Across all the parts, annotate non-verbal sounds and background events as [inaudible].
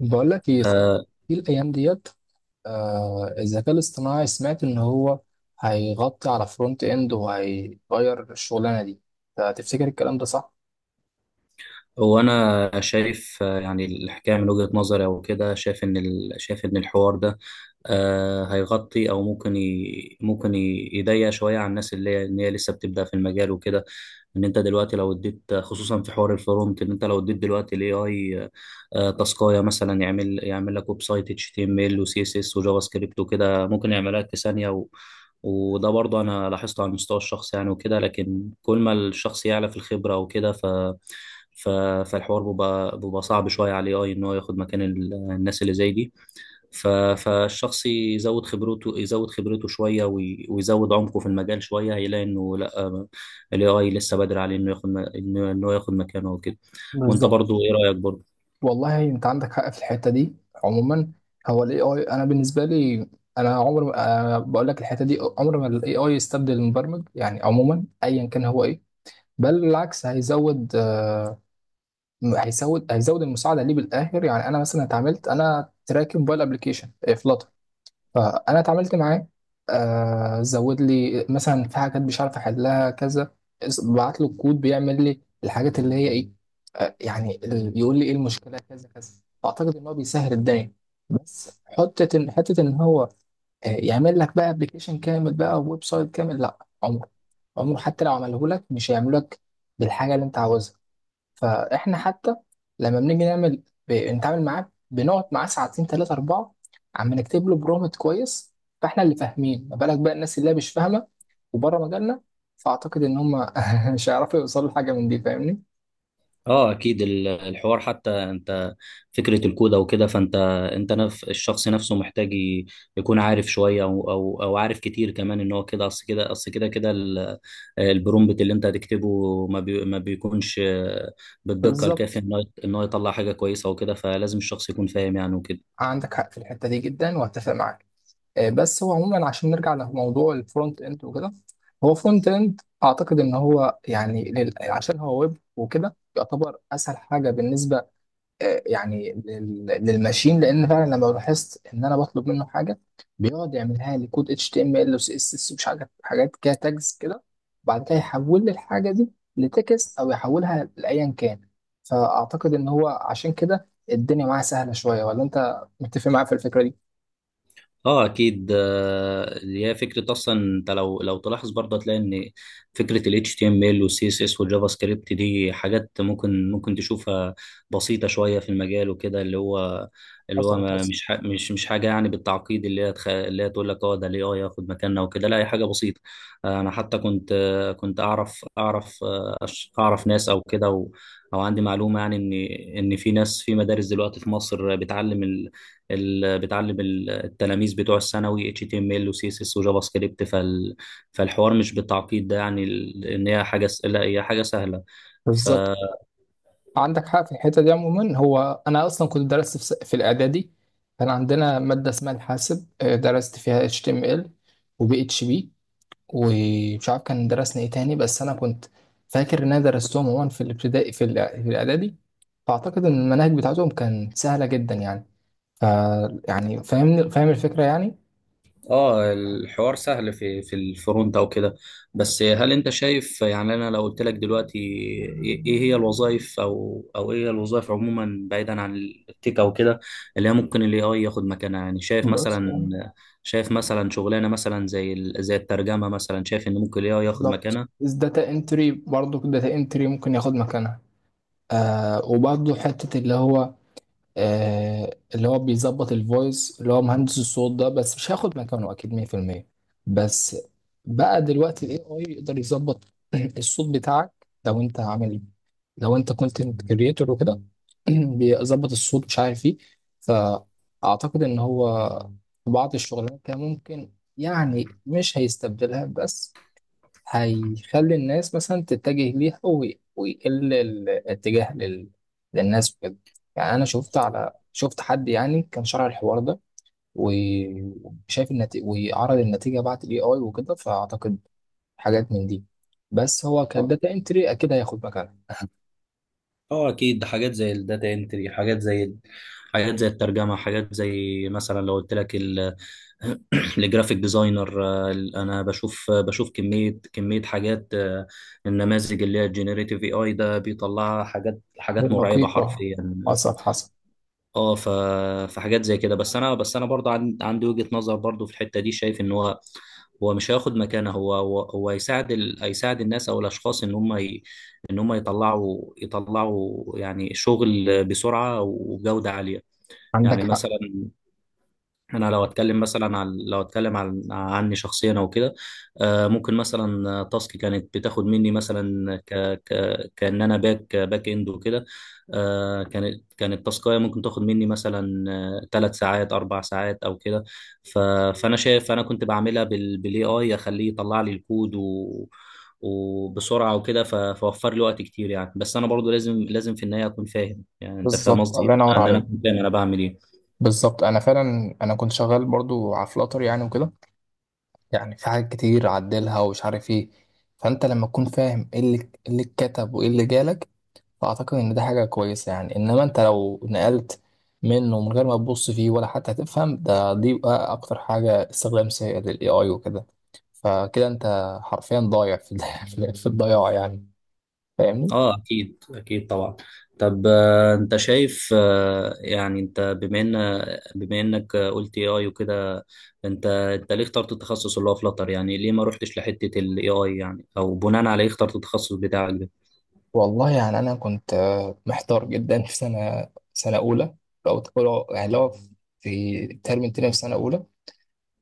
بقول لك ايه صحيح آه، في الايام ديت، الذكاء الاصطناعي سمعت ان هو هيغطي على فرونت اند وهيغير الشغلانه دي. تفتكر الكلام ده صح؟ وانا شايف، يعني الحكايه من وجهه نظري او كده. شايف ان شايف ان الحوار ده هيغطي، او ممكن يضيق شويه على الناس اللي هي ان هي لسه بتبدا في المجال وكده. ان انت دلوقتي لو اديت، خصوصا في حوار الفرونت، ان انت لو اديت دلوقتي الاي اي تاسكايه مثلا، يعمل لك ويب سايت اتش تي ام ال وسي اس اس وجافا سكريبت وكده، ممكن يعملها لك في ثانيه. وده برضه انا لاحظته على المستوى الشخصي يعني وكده، لكن كل ما الشخص يعلى في الخبره وكده، ف ف فالحوار بيبقى صعب شويه على الاي، ان هو ياخد مكان الناس اللي زي دي. ف فالشخص يزود خبرته، شويه ويزود عمقه في المجال شويه، هيلاقي انه لا، الاي اي لسه بدري عليه انه ياخد م- انه إنه ياخد مكانه وكده. وانت بالظبط. برضه ايه رايك برضه؟ والله انت عندك حق في الحته دي. عموما، هو الاي اي انا بالنسبه لي، انا عمر ما- آه، بقول لك الحته دي، عمر ما الاي اي يستبدل المبرمج، يعني عموما ايا كان هو ايه. بل بالعكس، هيزود، هيزود المساعده ليه بالاخر. يعني انا مثلا اتعاملت، انا تراك موبايل ابلكيشن، فانا اتعاملت معاه. زود لي مثلا في حاجات مش عارف احلها كذا، بعت له الكود بيعمل لي الحاجات اللي هي ايه. يعني بيقول لي ايه المشكله كذا كذا. فاعتقد ان هو بيسهل الدنيا. بس حته ان هو يعمل لك بقى ابلكيشن كامل بقى، ويب سايت كامل؟ لا، عمره، عمره حتى لو عمله لك مش هيعمل لك بالحاجه اللي انت عاوزها. فاحنا حتى لما بنيجي نعمل، نتعامل معاه، بنقعد معاه ساعتين ثلاثة أربعة، عم نكتب له برومت كويس. فاحنا اللي فاهمين، ما بالك بقى الناس اللي هي مش فاهمة وبره مجالنا. فأعتقد إن هم [laughs] مش هيعرفوا يوصلوا لحاجة من دي. فاهمني؟ اه اكيد، الحوار حتى انت، فكره الكوده وكده، فانت انت الشخص نفسه محتاج يكون عارف شويه، أو عارف كتير كمان، ان هو كده اصل كده، البرومبت اللي انت هتكتبه ما بيكونش بالدقه الكافيه بالظبط، ان هو يطلع حاجه كويسه وكده. فلازم الشخص يكون فاهم يعني وكده. عندك حق في الحتة دي جدا وأتفق معاك. بس هو عموما عشان نرجع لموضوع الفرونت إند وكده. هو فرونت إند أعتقد إن هو يعني عشان هو ويب وكده، يعتبر أسهل حاجة بالنسبة، يعني للماشين. لان فعلا لما لاحظت ان انا بطلب منه حاجه، بيقعد يعملها لي كود HTML وسي اس اس، ومش حاجات كده، تاجز كده. وبعد كده يحول لي الحاجه دي لتكست او يحولها لايا كان. فاعتقد ان هو عشان كده الدنيا معاه سهله شويه. ولا انت متفق معايا في الفكره دي؟ اه اكيد، اللي هي فكره اصلا. انت لو تلاحظ برضه هتلاقي ان فكره ال HTML وال CSS والجافا سكريبت دي حاجات ممكن تشوفها بسيطه شويه في المجال وكده، اللي هو اصلا ما حصل. مش ح- مش مش حاجه يعني بالتعقيد اللي هي تقول لك اه ده الاي اي ياخد مكاننا وكده. لا، هي حاجه بسيطه. انا حتى كنت، اعرف ناس او كده او عندي معلومه يعني، ان في ناس في مدارس دلوقتي في مصر بتعلم التلاميذ بتوع الثانوي HTML و CSS و جافا سكريبت، فالحوار مش بالتعقيد ده يعني. ال- ان هي حاجه س... لا هي حاجه سهله. ف بالظبط، عندك حق في الحته دي. عموما هو انا اصلا كنت درست في الاعدادي، كان عندنا ماده اسمها الحاسب، درست فيها HTML وبي اتش بي، ومش عارف كان درسنا ايه تاني. بس انا كنت فاكر ان انا درستهم عموما في الابتدائي، في الاعدادي. فاعتقد ان المناهج بتاعتهم كانت سهله جدا يعني. ف يعني فاهمني، فاهم الفكره يعني. اه، الحوار سهل في الفرونت او كده. بس هل انت شايف، يعني انا لو قلت لك دلوقتي، إيه هي الوظائف، او او ايه هي الوظائف عموما بعيدا عن التك او كده، اللي هي ممكن الاي اي ياخد مكانها؟ يعني شايف بس، مثلا، شغلانه مثلا زي الترجمه مثلا، شايف ان ممكن الاي اي ياخد بالظبط، مكانها؟ داتا انتري، برضه داتا انتري ممكن ياخد مكانها. وبرضه حته اللي هو، اللي هو بيظبط الفويس، اللي هو مهندس الصوت ده، بس مش هياخد مكانه اكيد 100%. بس بقى دلوقتي الاي اي يقدر يظبط [clears throat] الصوت بتاعك. لو انت عامل، لو انت كونتنت كريتور وكده، [clears throat] بيظبط الصوت مش عارف ايه. فاعتقد ان هو في بعض الشغلانات كده ممكن، يعني مش هيستبدلها، بس هيخلي الناس مثلا تتجه ليها، ويقل الاتجاه للناس وكده. يعني انا شفت حد يعني كان شرح الحوار ده و- وشايف النتيجة، وعرض النتيجة بعد الاي اي وكده. فاعتقد حاجات من دي، بس هو كداتا انتري اكيد هياخد مكانها. اه اكيد، حاجات زي الداتا انتري، حاجات زي، حاجات زي الترجمه، حاجات زي مثلا لو قلت لك [clears throat] الجرافيك ديزاينر. انا بشوف كميه حاجات. النماذج اللي هي الجينيريتيف اي اي ده بيطلعها حاجات مرعبه والدقيقة حرفيا. حصل حصل. اه، فحاجات زي كده. بس انا، برضه عندي وجهة نظر برضه في الحتة دي. شايف ان هو، هو مش هياخد مكانه، هو هو, هو يساعد الناس او الاشخاص، ان هم يطلعوا، يعني شغل بسرعة وجودة عالية. عندك يعني حق، مثلا انا، لو اتكلم عن عني شخصيا او كده، ممكن مثلا تاسك كانت بتاخد مني مثلا ك ك كان انا باك اند وكده، كانت تاسكايه ممكن تاخد مني مثلا ثلاث ساعات، اربع ساعات او كده. ف- فانا شايف انا كنت بعملها بالاي اي، اخليه يطلع لي الكود و وبسرعه وكده. فوفر لي وقت كتير يعني. بس انا برضو لازم لازم في النهايه اكون فاهم يعني، انت فاهم بالظبط، قصدي، الله ينور ان انا عليك. أكون فاهم انا بعمل ايه. بالظبط، أنا فعلا أنا كنت شغال برضو على فلاتر يعني وكده. يعني في حاجات كتير عدلها ومش عارف ايه. فانت لما تكون فاهم ايه اللي اتكتب وايه اللي جالك، فاعتقد ان ده حاجه كويسه يعني. انما انت لو نقلت منه من غير ما تبص فيه ولا حتى هتفهم، ده دي بقى اكتر حاجه، استخدام سيء للاي اي وكده. فكده انت حرفيا ضايع في [laughs] في الضياع يعني. فاهمني؟ اه اكيد، اكيد طبعا. طب انت شايف، يعني انت بما انك قلت اي اي وكده، انت ليه اخترت التخصص اللي هو فلاتر؟ يعني ليه ما رحتش لحته الاي اي يعني؟ او بناء على ايه اخترت التخصص بتاعك ده؟ والله يعني انا كنت محتار جدا في سنه اولى، او تقول يعني لو في ترم تاني في سنه اولى.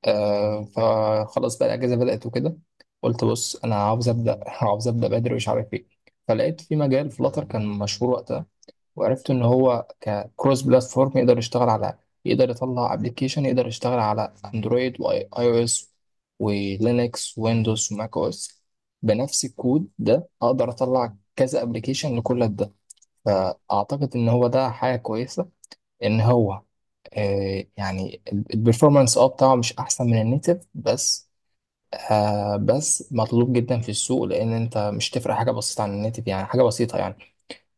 فخلاص بقى الاجازه بدات وكده. قلت بص انا عاوز ابدا، [laughs] عاوز ابدا بدري مش عارف ايه. فلقيت في مجال فلاتر كان مشهور وقتها، وعرفت ان هو ككروس بلاتفورم يقدر يشتغل على، يطلع ابلكيشن يقدر يشتغل على اندرويد واي او اس ولينكس ويندوز وماك او اس، بنفس الكود ده اقدر اطلع كذا ابلكيشن لكل ده. فاعتقد ان هو ده حاجه كويسه. ان هو، آه، يعني البرفورمانس بتاعه مش احسن من النيتف، بس بس مطلوب جدا في السوق، لان انت مش تفرق حاجه بسيطه عن النيتف يعني، حاجه بسيطه يعني.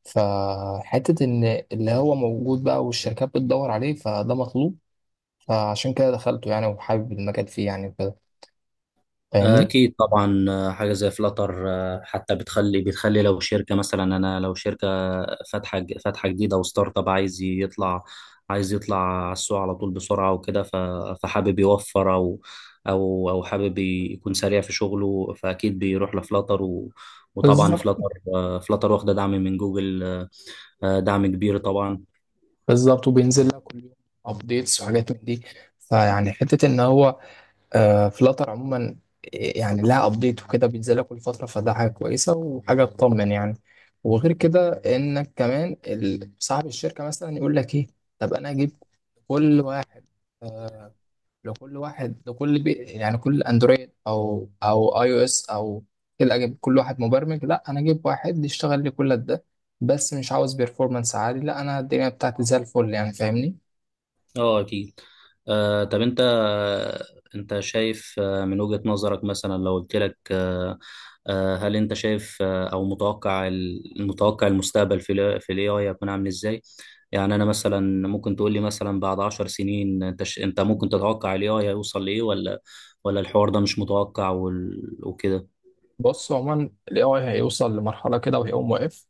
فحته ان اللي هو موجود بقى، والشركات بتدور عليه فده مطلوب. فعشان كده دخلته يعني، وحابب المجال فيه يعني وكده. فاهمني؟ أكيد طبعا. حاجة زي فلاتر حتى بتخلي لو شركة مثلا، أنا لو شركة فاتحة جديدة، وستارت اب عايز يطلع، على السوق على طول بسرعة وكده، فحابب يوفر، أو حابب يكون سريع في شغله، فأكيد بيروح لفلاتر. و وطبعا بالظبط. فلاتر، فلاتر واخدة دعم من جوجل، دعم كبير طبعا. بالظبط، وبينزل لك كل يوم ابديتس وحاجات من دي. فيعني حته ان هو، فلاتر عموما يعني لها ابديت وكده بينزلها كل فتره، فده حاجه كويسه وحاجه تطمن يعني. وغير كده انك كمان، صاحب الشركه مثلا يقول لك ايه، طب انا اجيب كل واحد، آه، لكل واحد لكل بي يعني، كل اندرويد او اي او اس او كده، اجيب كل واحد مبرمج؟ لا، انا اجيب واحد يشتغل لي كل ده، بس مش عاوز بيرفورمانس عالي، لا انا الدنيا بتاعتي زي الفل يعني. فاهمني؟ اه اكيد. طب انت شايف، من وجهة نظرك مثلا لو قلت لك، هل انت شايف او المتوقع المستقبل في ال في الاي اي هيكون عامل ازاي؟ يعني انا مثلا ممكن تقول لي مثلا بعد عشر سنين، انت ممكن تتوقع الاي اي هيوصل لايه؟ ولا الحوار ده مش متوقع وكده؟ بص عموما الاي اي هيوصل لمرحله كده وهيقوم واقف.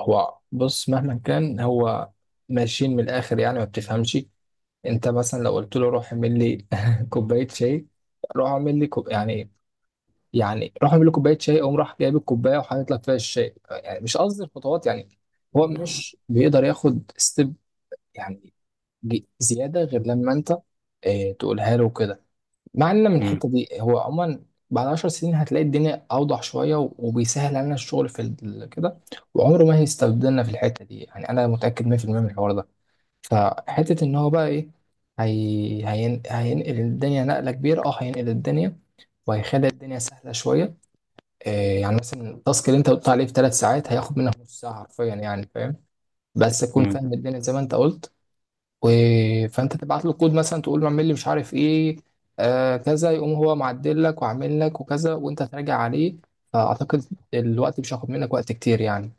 هو بص مهما كان، هو ماشيين من الاخر يعني، ما بتفهمش. انت مثلا لو قلت له روح اعمل لي [laughs] كوبايه شاي، روح اعمل لي يعني، يعني روح اعمل لي كوبايه شاي، قوم راح جايب الكوبايه وحاطط لك فيها الشاي، يعني مش قصدي الخطوات يعني. هو مش بيقدر ياخد ستيب يعني، زياده، غير لما انت اه تقولها له كده. مع ان من مم. الحته دي هو عموما، بعد 10 سنين هتلاقي الدنيا اوضح شويه، وبيسهل علينا الشغل في كده، وعمره ما هيستبدلنا في الحته دي يعني، انا متاكد 100% من الحوار ده. فحته ان هو بقى ايه، هينقل الدنيا نقله كبيره، هينقل الدنيا وهيخلي الدنيا سهله شويه. إيه يعني مثلا التاسك اللي انت قلت عليه في 3 ساعات هياخد منك نص ساعه حرفيا يعني، فاهم؟ بس تكون مم. فاهم الدنيا زي ما انت قلت. و... فانت تبعت له كود مثلا، تقول له اعمل لي مش عارف ايه، كذا، يقوم هو معدل لك وعامل لك وكذا، وانت تراجع عليه. فاعتقد الوقت مش هياخد منك وقت كتير يعني.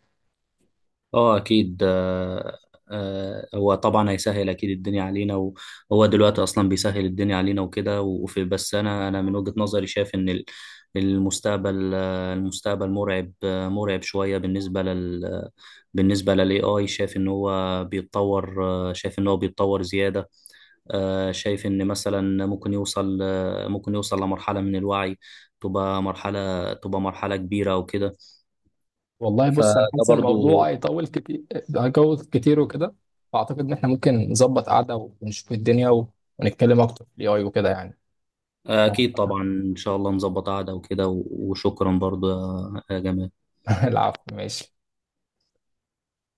اه اكيد. هو طبعا هيسهل اكيد الدنيا علينا، وهو دلوقتي اصلا بيسهل الدنيا علينا وكده. وفي بس انا، من وجهة نظري شايف ان المستقبل، مرعب، مرعب شوية بالنسبة للاي اي. شايف ان هو بيتطور، زيادة. آه، شايف ان مثلا ممكن يوصل، لمرحلة من الوعي، تبقى مرحلة، كبيرة وكده. والله بص انا فده حاسس إن برضو، الموضوع هيطول كتير، هيطول كتير وكده. فاعتقد ان احنا ممكن نظبط قعده ونشوف الدنيا ونتكلم اكتر في الاي اي وكده يعني. ف- أكيد طبعا إن شاء الله نظبط قعدة وكده. وشكرا برضو يا جمال. [laughs] العفو ماشي.